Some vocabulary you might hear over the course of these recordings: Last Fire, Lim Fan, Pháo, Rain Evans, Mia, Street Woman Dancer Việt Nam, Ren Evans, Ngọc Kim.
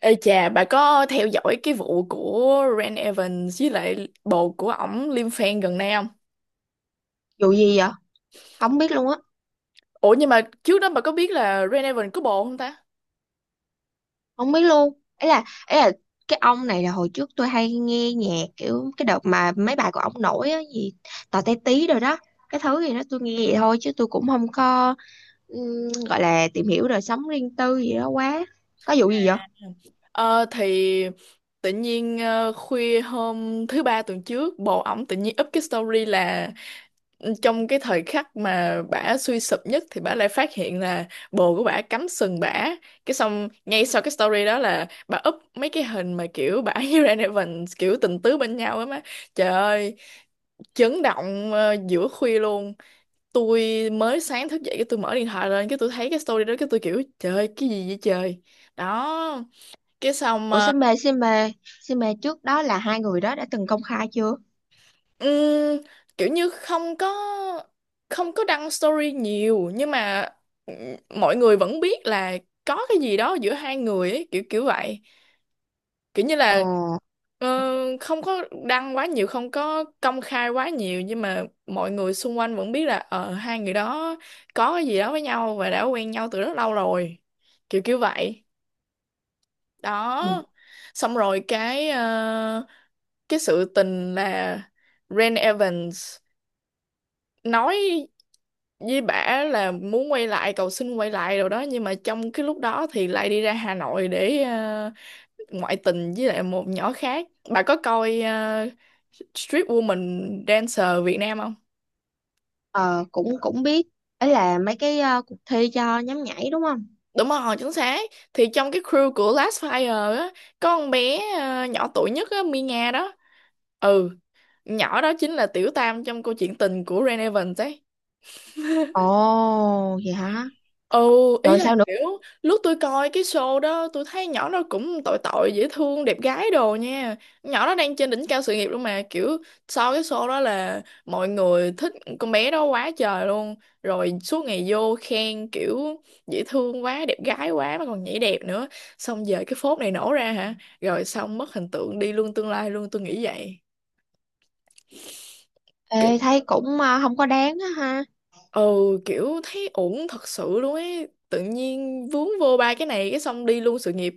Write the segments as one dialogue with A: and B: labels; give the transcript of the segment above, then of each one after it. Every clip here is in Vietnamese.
A: Ê chà, bà có theo dõi cái vụ của Ren Evans với lại bồ của ổng Lim Fan gần đây không?
B: Vụ gì vậy? Không biết luôn á,
A: Ủa nhưng mà trước đó bà có biết là Ren Evans có bồ không ta?
B: không biết luôn. Ấy là cái ông này là hồi trước tôi hay nghe nhạc kiểu cái đợt mà mấy bài của ông nổi á gì tò te tí rồi đó. Cái thứ gì đó tôi nghe vậy thôi chứ tôi cũng không có gọi là tìm hiểu đời sống riêng tư gì đó quá. Có vụ gì vậy?
A: Ờ thì tự nhiên khuya hôm thứ ba tuần trước bồ ổng tự nhiên up cái story là trong cái thời khắc mà bả suy sụp nhất thì bả lại phát hiện là bồ của bả cắm sừng bả, cái xong ngay sau cái story đó là bả up mấy cái hình mà kiểu bả với Ren Evans kiểu tình tứ bên nhau. Á má, trời ơi, chấn động, giữa khuya luôn. Tôi mới sáng thức dậy cái tôi mở điện thoại lên, cái tôi thấy cái story đó, cái tôi kiểu trời ơi, cái gì vậy trời, đó. Cái xong
B: Ủa xin mê trước đó là hai người đó đã từng công khai chưa?
A: Ừm, kiểu như không có, không có đăng story nhiều nhưng mà ừm, mọi người vẫn biết là có cái gì đó giữa hai người ấy, kiểu kiểu vậy, kiểu như
B: Ờ,
A: là ờ, không có đăng quá nhiều, không có công khai quá nhiều nhưng mà mọi người xung quanh vẫn biết là, hai người đó có cái gì đó với nhau và đã quen nhau từ rất lâu rồi, kiểu kiểu vậy
B: ừ.
A: đó. Xong rồi cái sự tình là Ren Evans nói với bả là muốn quay lại, cầu xin quay lại rồi đó, nhưng mà trong cái lúc đó thì lại đi ra Hà Nội để ngoại tình với lại một nhỏ khác. Bà có coi Street Woman Dancer Việt Nam không?
B: Ờ, cũng cũng biết, ấy là mấy cái cuộc thi cho nhóm nhảy đúng không?
A: Đúng rồi, chính xác. Thì trong cái crew của Last Fire á, có con bé nhỏ tuổi nhất á, Mia đó. Ừ, nhỏ đó chính là tiểu tam trong câu chuyện tình của Ren Evans ấy.
B: Ồ vậy hả?
A: Ừ, ý
B: Rồi
A: là
B: sao?
A: kiểu lúc tôi coi cái show đó tôi thấy nhỏ nó cũng tội tội, dễ thương, đẹp gái đồ nha. Nhỏ nó đang trên đỉnh cao sự nghiệp luôn mà, kiểu sau cái show đó là mọi người thích con bé đó quá trời luôn, rồi suốt ngày vô khen kiểu dễ thương quá, đẹp gái quá mà còn nhảy đẹp nữa. Xong giờ cái phốt này nổ ra hả, rồi xong mất hình tượng đi luôn, tương lai luôn, tôi nghĩ vậy.
B: Ê, thấy cũng không có đáng á ha.
A: Ừ, kiểu thấy ổn thật sự luôn ấy, tự nhiên vướng vô ba cái này cái xong đi luôn sự nghiệp.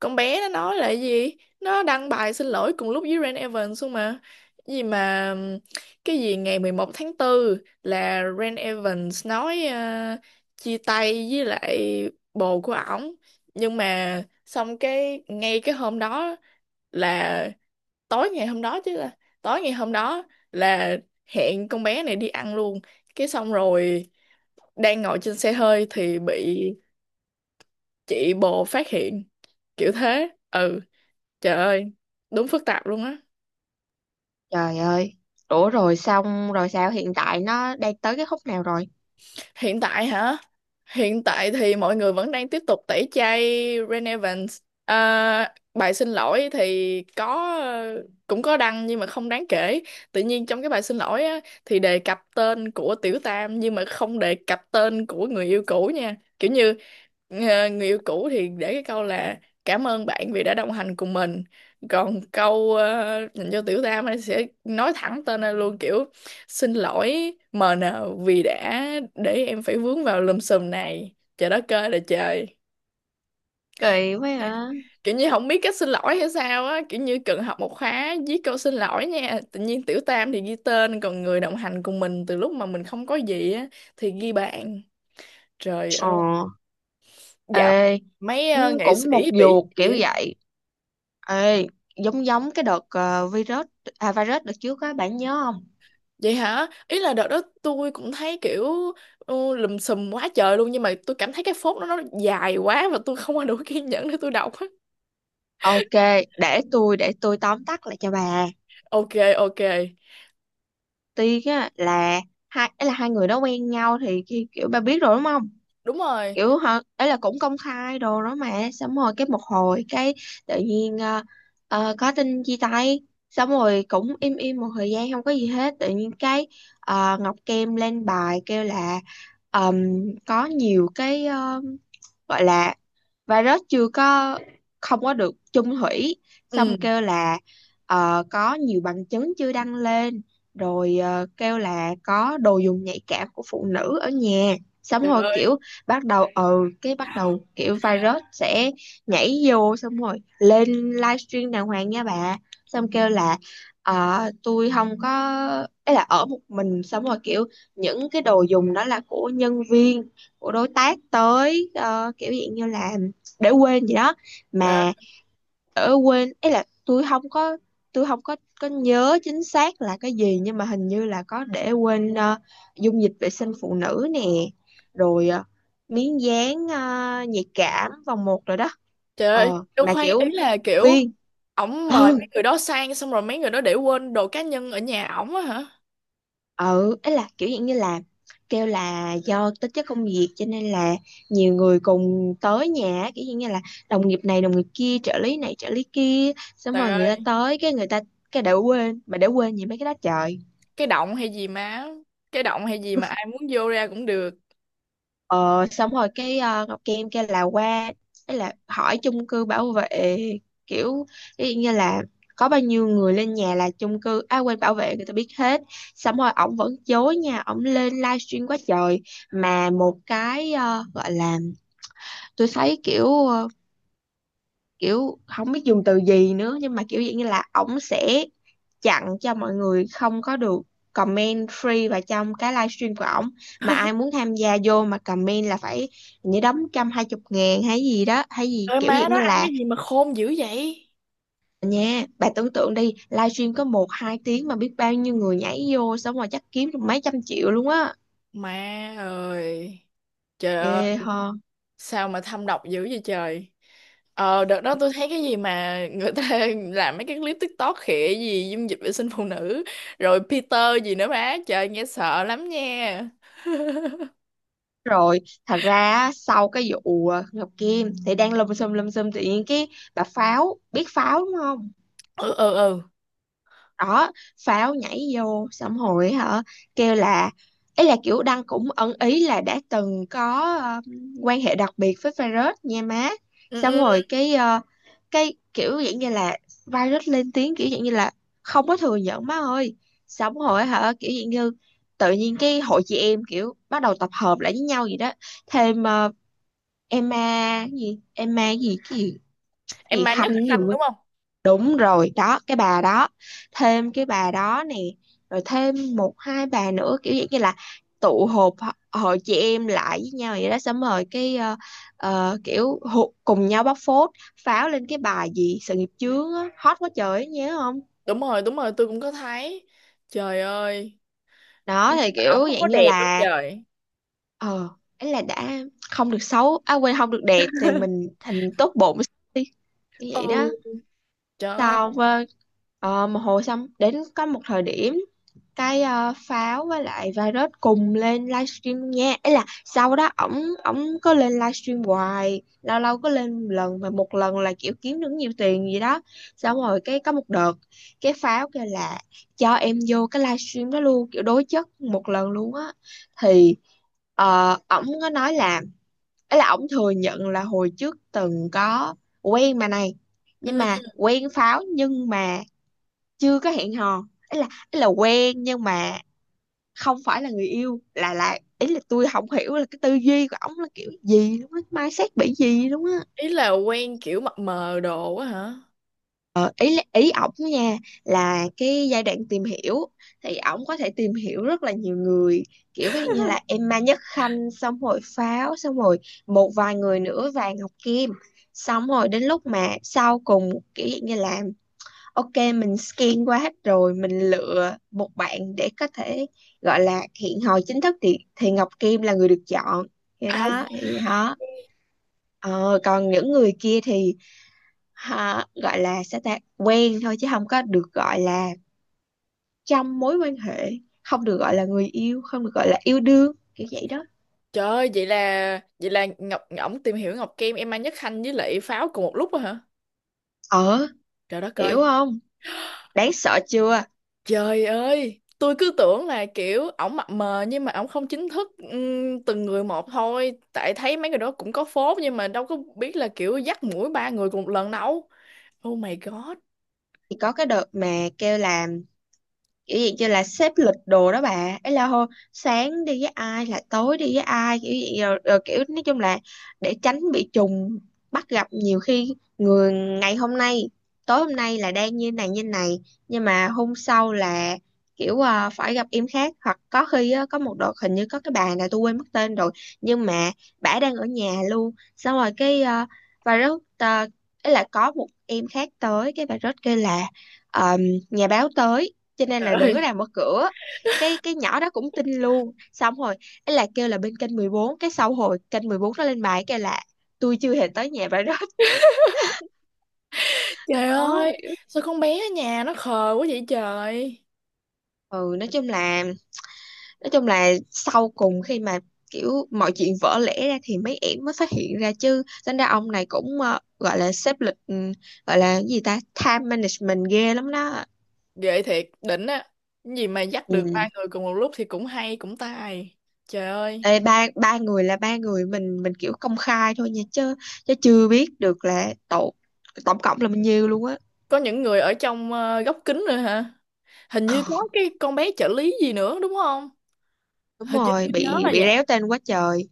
A: Con bé nó nói là cái gì, nó đăng bài xin lỗi cùng lúc với Rain Evans luôn mà. Cái gì mà cái gì ngày 11 tháng 4 là Rain Evans nói chia tay với lại bồ của ổng, nhưng mà xong cái ngay cái hôm đó là tối ngày hôm đó, chứ là tối ngày hôm đó là hẹn con bé này đi ăn luôn. Cái xong rồi đang ngồi trên xe hơi thì bị chị bồ phát hiện, kiểu thế. Ừ, trời ơi, đúng phức tạp luôn á.
B: Trời ơi. Ủa rồi xong rồi sao, hiện tại nó đang tới cái khúc nào rồi?
A: Hiện tại hả? Hiện tại thì mọi người vẫn đang tiếp tục tẩy chay Ren Evans. À, bài xin lỗi thì có, cũng có đăng nhưng mà không đáng kể. Tự nhiên trong cái bài xin lỗi á, thì đề cập tên của Tiểu Tam nhưng mà không đề cập tên của người yêu cũ nha. Kiểu như người yêu cũ thì để cái câu là cảm ơn bạn vì đã đồng hành cùng mình. Còn câu dành cho Tiểu Tam ấy sẽ nói thẳng tên ra luôn, kiểu xin lỗi MN vì đã để em phải vướng vào lùm xùm này. Trời đất ơi là trời.
B: Kỳ quá hả?
A: Kiểu như không biết cách xin lỗi hay sao á. Kiểu như cần học một khóa viết câu xin lỗi nha. Tự nhiên tiểu tam thì ghi tên, còn người đồng hành cùng mình từ lúc mà mình không có gì á thì ghi bạn. Trời
B: Ờ.
A: ơi. Dạo
B: Ê,
A: mấy
B: cũng
A: nghệ sĩ
B: cũng một
A: bị
B: vuột
A: gì
B: kiểu
A: á.
B: vậy. Ê, giống giống cái đợt virus đợt trước á, bạn nhớ không?
A: Vậy hả? Ý là đợt đó tôi cũng thấy kiểu ừ, lùm xùm quá trời luôn. Nhưng mà tôi cảm thấy cái phốt đó nó dài quá, và tôi không có đủ kiên nhẫn để tôi đọc á.
B: Ok, để tôi tóm tắt lại cho bà.
A: Ok, ok,
B: Tuy á là hai, ấy là hai người đó quen nhau thì kiểu bà biết rồi đúng không?
A: đúng rồi,
B: Kiểu họ, ấy là cũng công khai đồ đó mà, xong rồi cái một hồi cái tự nhiên có tin chia tay, xong rồi cũng im im một thời gian không có gì hết, tự nhiên cái Ngọc Kem lên bài kêu là ờm, có nhiều cái gọi là và nó chưa có, không có được chung thủy,
A: ừ,
B: xong kêu là có nhiều bằng chứng chưa đăng lên, rồi kêu là có đồ dùng nhạy cảm của phụ nữ ở nhà, xong
A: trời
B: rồi
A: ơi,
B: kiểu bắt đầu kiểu virus sẽ nhảy vô, xong rồi lên livestream đàng hoàng nha bà, xong kêu là tôi không có, ấy là ở một mình, xong rồi kiểu những cái đồ dùng đó là của nhân viên, của đối tác tới kiểu dạng như là để quên gì đó
A: trời ơi,
B: mà, ở quên, ấy là tôi không có có nhớ chính xác là cái gì, nhưng mà hình như là có để quên dung dịch vệ sinh phụ nữ nè, rồi miếng dán nhạy cảm vòng một rồi đó.
A: trời ơi,
B: Ờ
A: đâu
B: mà
A: khoan, ý
B: kiểu
A: là kiểu
B: viên
A: ổng mời
B: Ừ,
A: mấy người đó sang xong rồi mấy người đó để quên đồ cá nhân ở nhà ổng á hả?
B: ừ, ấy là kiểu dạng như là kêu là do tính chất công việc cho nên là nhiều người cùng tới nhà á, kiểu dạng như là đồng nghiệp này đồng nghiệp kia, trợ lý này trợ lý kia, xong
A: Trời
B: rồi người ta
A: ơi,
B: tới cái người ta cái đã quên, mà đã quên gì mấy cái đó trời.
A: cái động hay gì má, cái động hay gì mà ai muốn vô ra cũng được.
B: Ờ, xong rồi cái Ngọc Kim kêu là qua, ấy là hỏi chung cư bảo vệ, kiểu ví dụ như là có bao nhiêu người lên nhà là chung cư, à quên bảo vệ, người ta biết hết, xong rồi ổng vẫn chối nha, ổng lên livestream quá trời, mà một cái gọi là tôi thấy kiểu kiểu không biết dùng từ gì nữa, nhưng mà kiểu dạng như là ổng sẽ chặn cho mọi người không có được comment free vào trong cái livestream của ổng, mà ai muốn tham gia vô mà comment là phải như đóng 120.000 hay gì đó, hay gì
A: Trời ơi,
B: kiểu
A: má
B: dạng
A: đó
B: như
A: ăn
B: là,
A: cái gì mà khôn dữ vậy.
B: nha bà tưởng tượng đi, livestream có một hai tiếng mà biết bao nhiêu người nhảy vô, xong rồi chắc kiếm được mấy trăm triệu luôn á,
A: Má ơi, trời ơi,
B: ghê ho.
A: sao mà thâm độc dữ vậy trời. Ờ, đợt đó tôi thấy cái gì mà người ta làm mấy cái clip TikTok khịa gì dung dịch vệ sinh phụ nữ, rồi Peter gì nữa má, trời nghe sợ lắm nha.
B: Rồi thật ra á, sau cái vụ Ngọc Kim thì đang lùm xùm lùm xùm, tự nhiên cái bà Pháo, biết Pháo đúng không?
A: Ừ, ừ, ừ,
B: Đó, pháo nhảy vô xong hồi hả, kêu là, ấy là kiểu Đăng cũng ẩn ý là đã từng có quan hệ đặc biệt với virus nha má,
A: ừ,
B: xong
A: ừ,
B: rồi cái kiểu dạng như là virus lên tiếng kiểu dạng như là không có thừa nhận má ơi, xong rồi hả, kiểu dạng như tự nhiên cái hội chị em kiểu bắt đầu tập hợp lại với nhau gì đó, thêm Emma gì Emma gì, cái gì cái
A: em
B: gì
A: mang nhất
B: Khanh
A: khanh
B: nhiều.
A: đúng không?
B: Đúng rồi, đó, cái bà đó, thêm cái bà đó nè, rồi thêm một hai bà nữa kiểu dạng như là tụ họp hội chị em lại với nhau vậy đó, xong rồi cái kiểu cùng nhau bóc phốt, pháo lên cái bài gì sự nghiệp chướng á, hot quá trời ấy, nhớ không?
A: Đúng rồi, đúng rồi, tôi cũng có thấy. Trời ơi,
B: Đó thì
A: ổng
B: kiểu
A: không có
B: dạng như
A: đẹp đâu
B: là
A: trời.
B: ờ ấy là đã không được xấu, à quên không được đẹp thì mình thành tốt bụng đi, như vậy
A: Ừ,
B: đó.
A: trời ơi.
B: Sau một hồi, xong đến có một thời điểm cái pháo với lại virus cùng lên livestream luôn nha, ấy là sau đó ổng ổng có lên livestream hoài, lâu lâu có lên một lần mà một lần là kiểu kiếm được nhiều tiền gì đó, xong rồi cái có một đợt cái pháo kêu là cho em vô cái livestream đó luôn, kiểu đối chất một lần luôn á, thì ổng có nói là, ấy là ổng thừa nhận là hồi trước từng có quen mà này, nhưng
A: Ừ.
B: mà quen pháo nhưng mà chưa có hẹn hò, ấy là quen nhưng mà không phải là người yêu, là ý là tôi không hiểu là cái tư duy của ổng là kiểu gì luôn á, mindset bị gì luôn á.
A: Ý là quen kiểu mập mờ đồ á hả?
B: Ờ, ý ý ổng nha là cái giai đoạn tìm hiểu thì ổng có thể tìm hiểu rất là nhiều người, kiểu ví dụ như là Emma Nhất Khanh, xong rồi Pháo, xong rồi một vài người nữa, và Ngọc Kim, xong rồi đến lúc mà sau cùng kiểu dạng như là ok mình scan qua hết rồi mình lựa một bạn để có thể gọi là hẹn hò chính thức thì Ngọc Kim là người được chọn, thì
A: À
B: đó
A: vâng.
B: thì đó. Ờ, còn những người kia thì ha, gọi là sẽ ta quen thôi chứ không có được gọi là trong mối quan hệ, không được gọi là người yêu, không được gọi là yêu đương, kiểu vậy đó.
A: Trời ơi, vậy là, vậy là Ngọc, ổng tìm hiểu Ngọc Kim, em mang nhất khanh với lại Pháo cùng một lúc á hả?
B: ờ
A: Trời đất
B: Hiểu
A: ơi.
B: không? Đáng sợ chưa?
A: Trời ơi, tôi cứ tưởng là kiểu ổng mập mờ nhưng mà ổng không chính thức từng người một thôi. Tại thấy mấy người đó cũng có phốt nhưng mà đâu có biết là kiểu dắt mũi ba người cùng một lần đâu. Oh my god.
B: Thì có cái đợt mà kêu là kiểu gì như là xếp lịch đồ đó bà, ấy là hô sáng đi với ai là tối đi với ai kiểu gì rồi kiểu nói chung là để tránh bị trùng bắt gặp, nhiều khi người ngày hôm nay, tối hôm nay là đang như này như này, nhưng mà hôm sau là kiểu phải gặp em khác, hoặc có khi á, có một đợt hình như có cái bà này tôi quên mất tên rồi, nhưng mà bả đang ở nhà luôn, xong rồi cái và rất, ấy là có một em khác tới, cái bà rất kêu là ờ, nhà báo tới cho nên
A: Trời
B: là đừng
A: ơi,
B: có làm mở cửa, cái nhỏ đó cũng tin luôn, xong rồi ấy là kêu là bên kênh 14, cái sau hồi kênh 14 nó lên bài kêu là tôi chưa hề tới nhà bà đó
A: trời
B: khó
A: ơi,
B: hiểu.
A: sao con bé ở nhà nó khờ quá vậy trời.
B: Ừ, nói chung là sau cùng khi mà kiểu mọi chuyện vỡ lẽ ra thì mấy em mới phát hiện ra, chứ tính ra ông này cũng gọi là xếp lịch, gọi là cái gì ta, time management ghê lắm đó.
A: Ghê thiệt, đỉnh á. Cái gì mà dắt được ba
B: Ừ.
A: người cùng một lúc thì cũng hay, cũng tài. Trời ơi,
B: Ê, ba ba người là ba người mình kiểu công khai thôi nha, chứ chứ chưa biết được là tổng cộng là bao nhiêu luôn á
A: có những người ở trong góc kính rồi hả? Hình như có cái con bé trợ lý gì nữa đúng không?
B: đúng
A: Hình như
B: rồi,
A: tôi nhớ
B: bị
A: là
B: bị
A: vậy.
B: réo tên quá trời.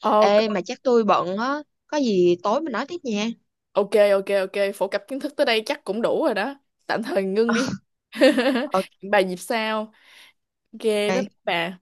A: Ờ.
B: Ê mà chắc tôi bận á, có gì tối mình nói tiếp nha
A: Ok, ok, ok, phổ cập kiến thức tới đây chắc cũng đủ rồi đó, tạm thời ngưng đi. Hẹn bà dịp sau. Ok bye bye
B: ok.
A: bà.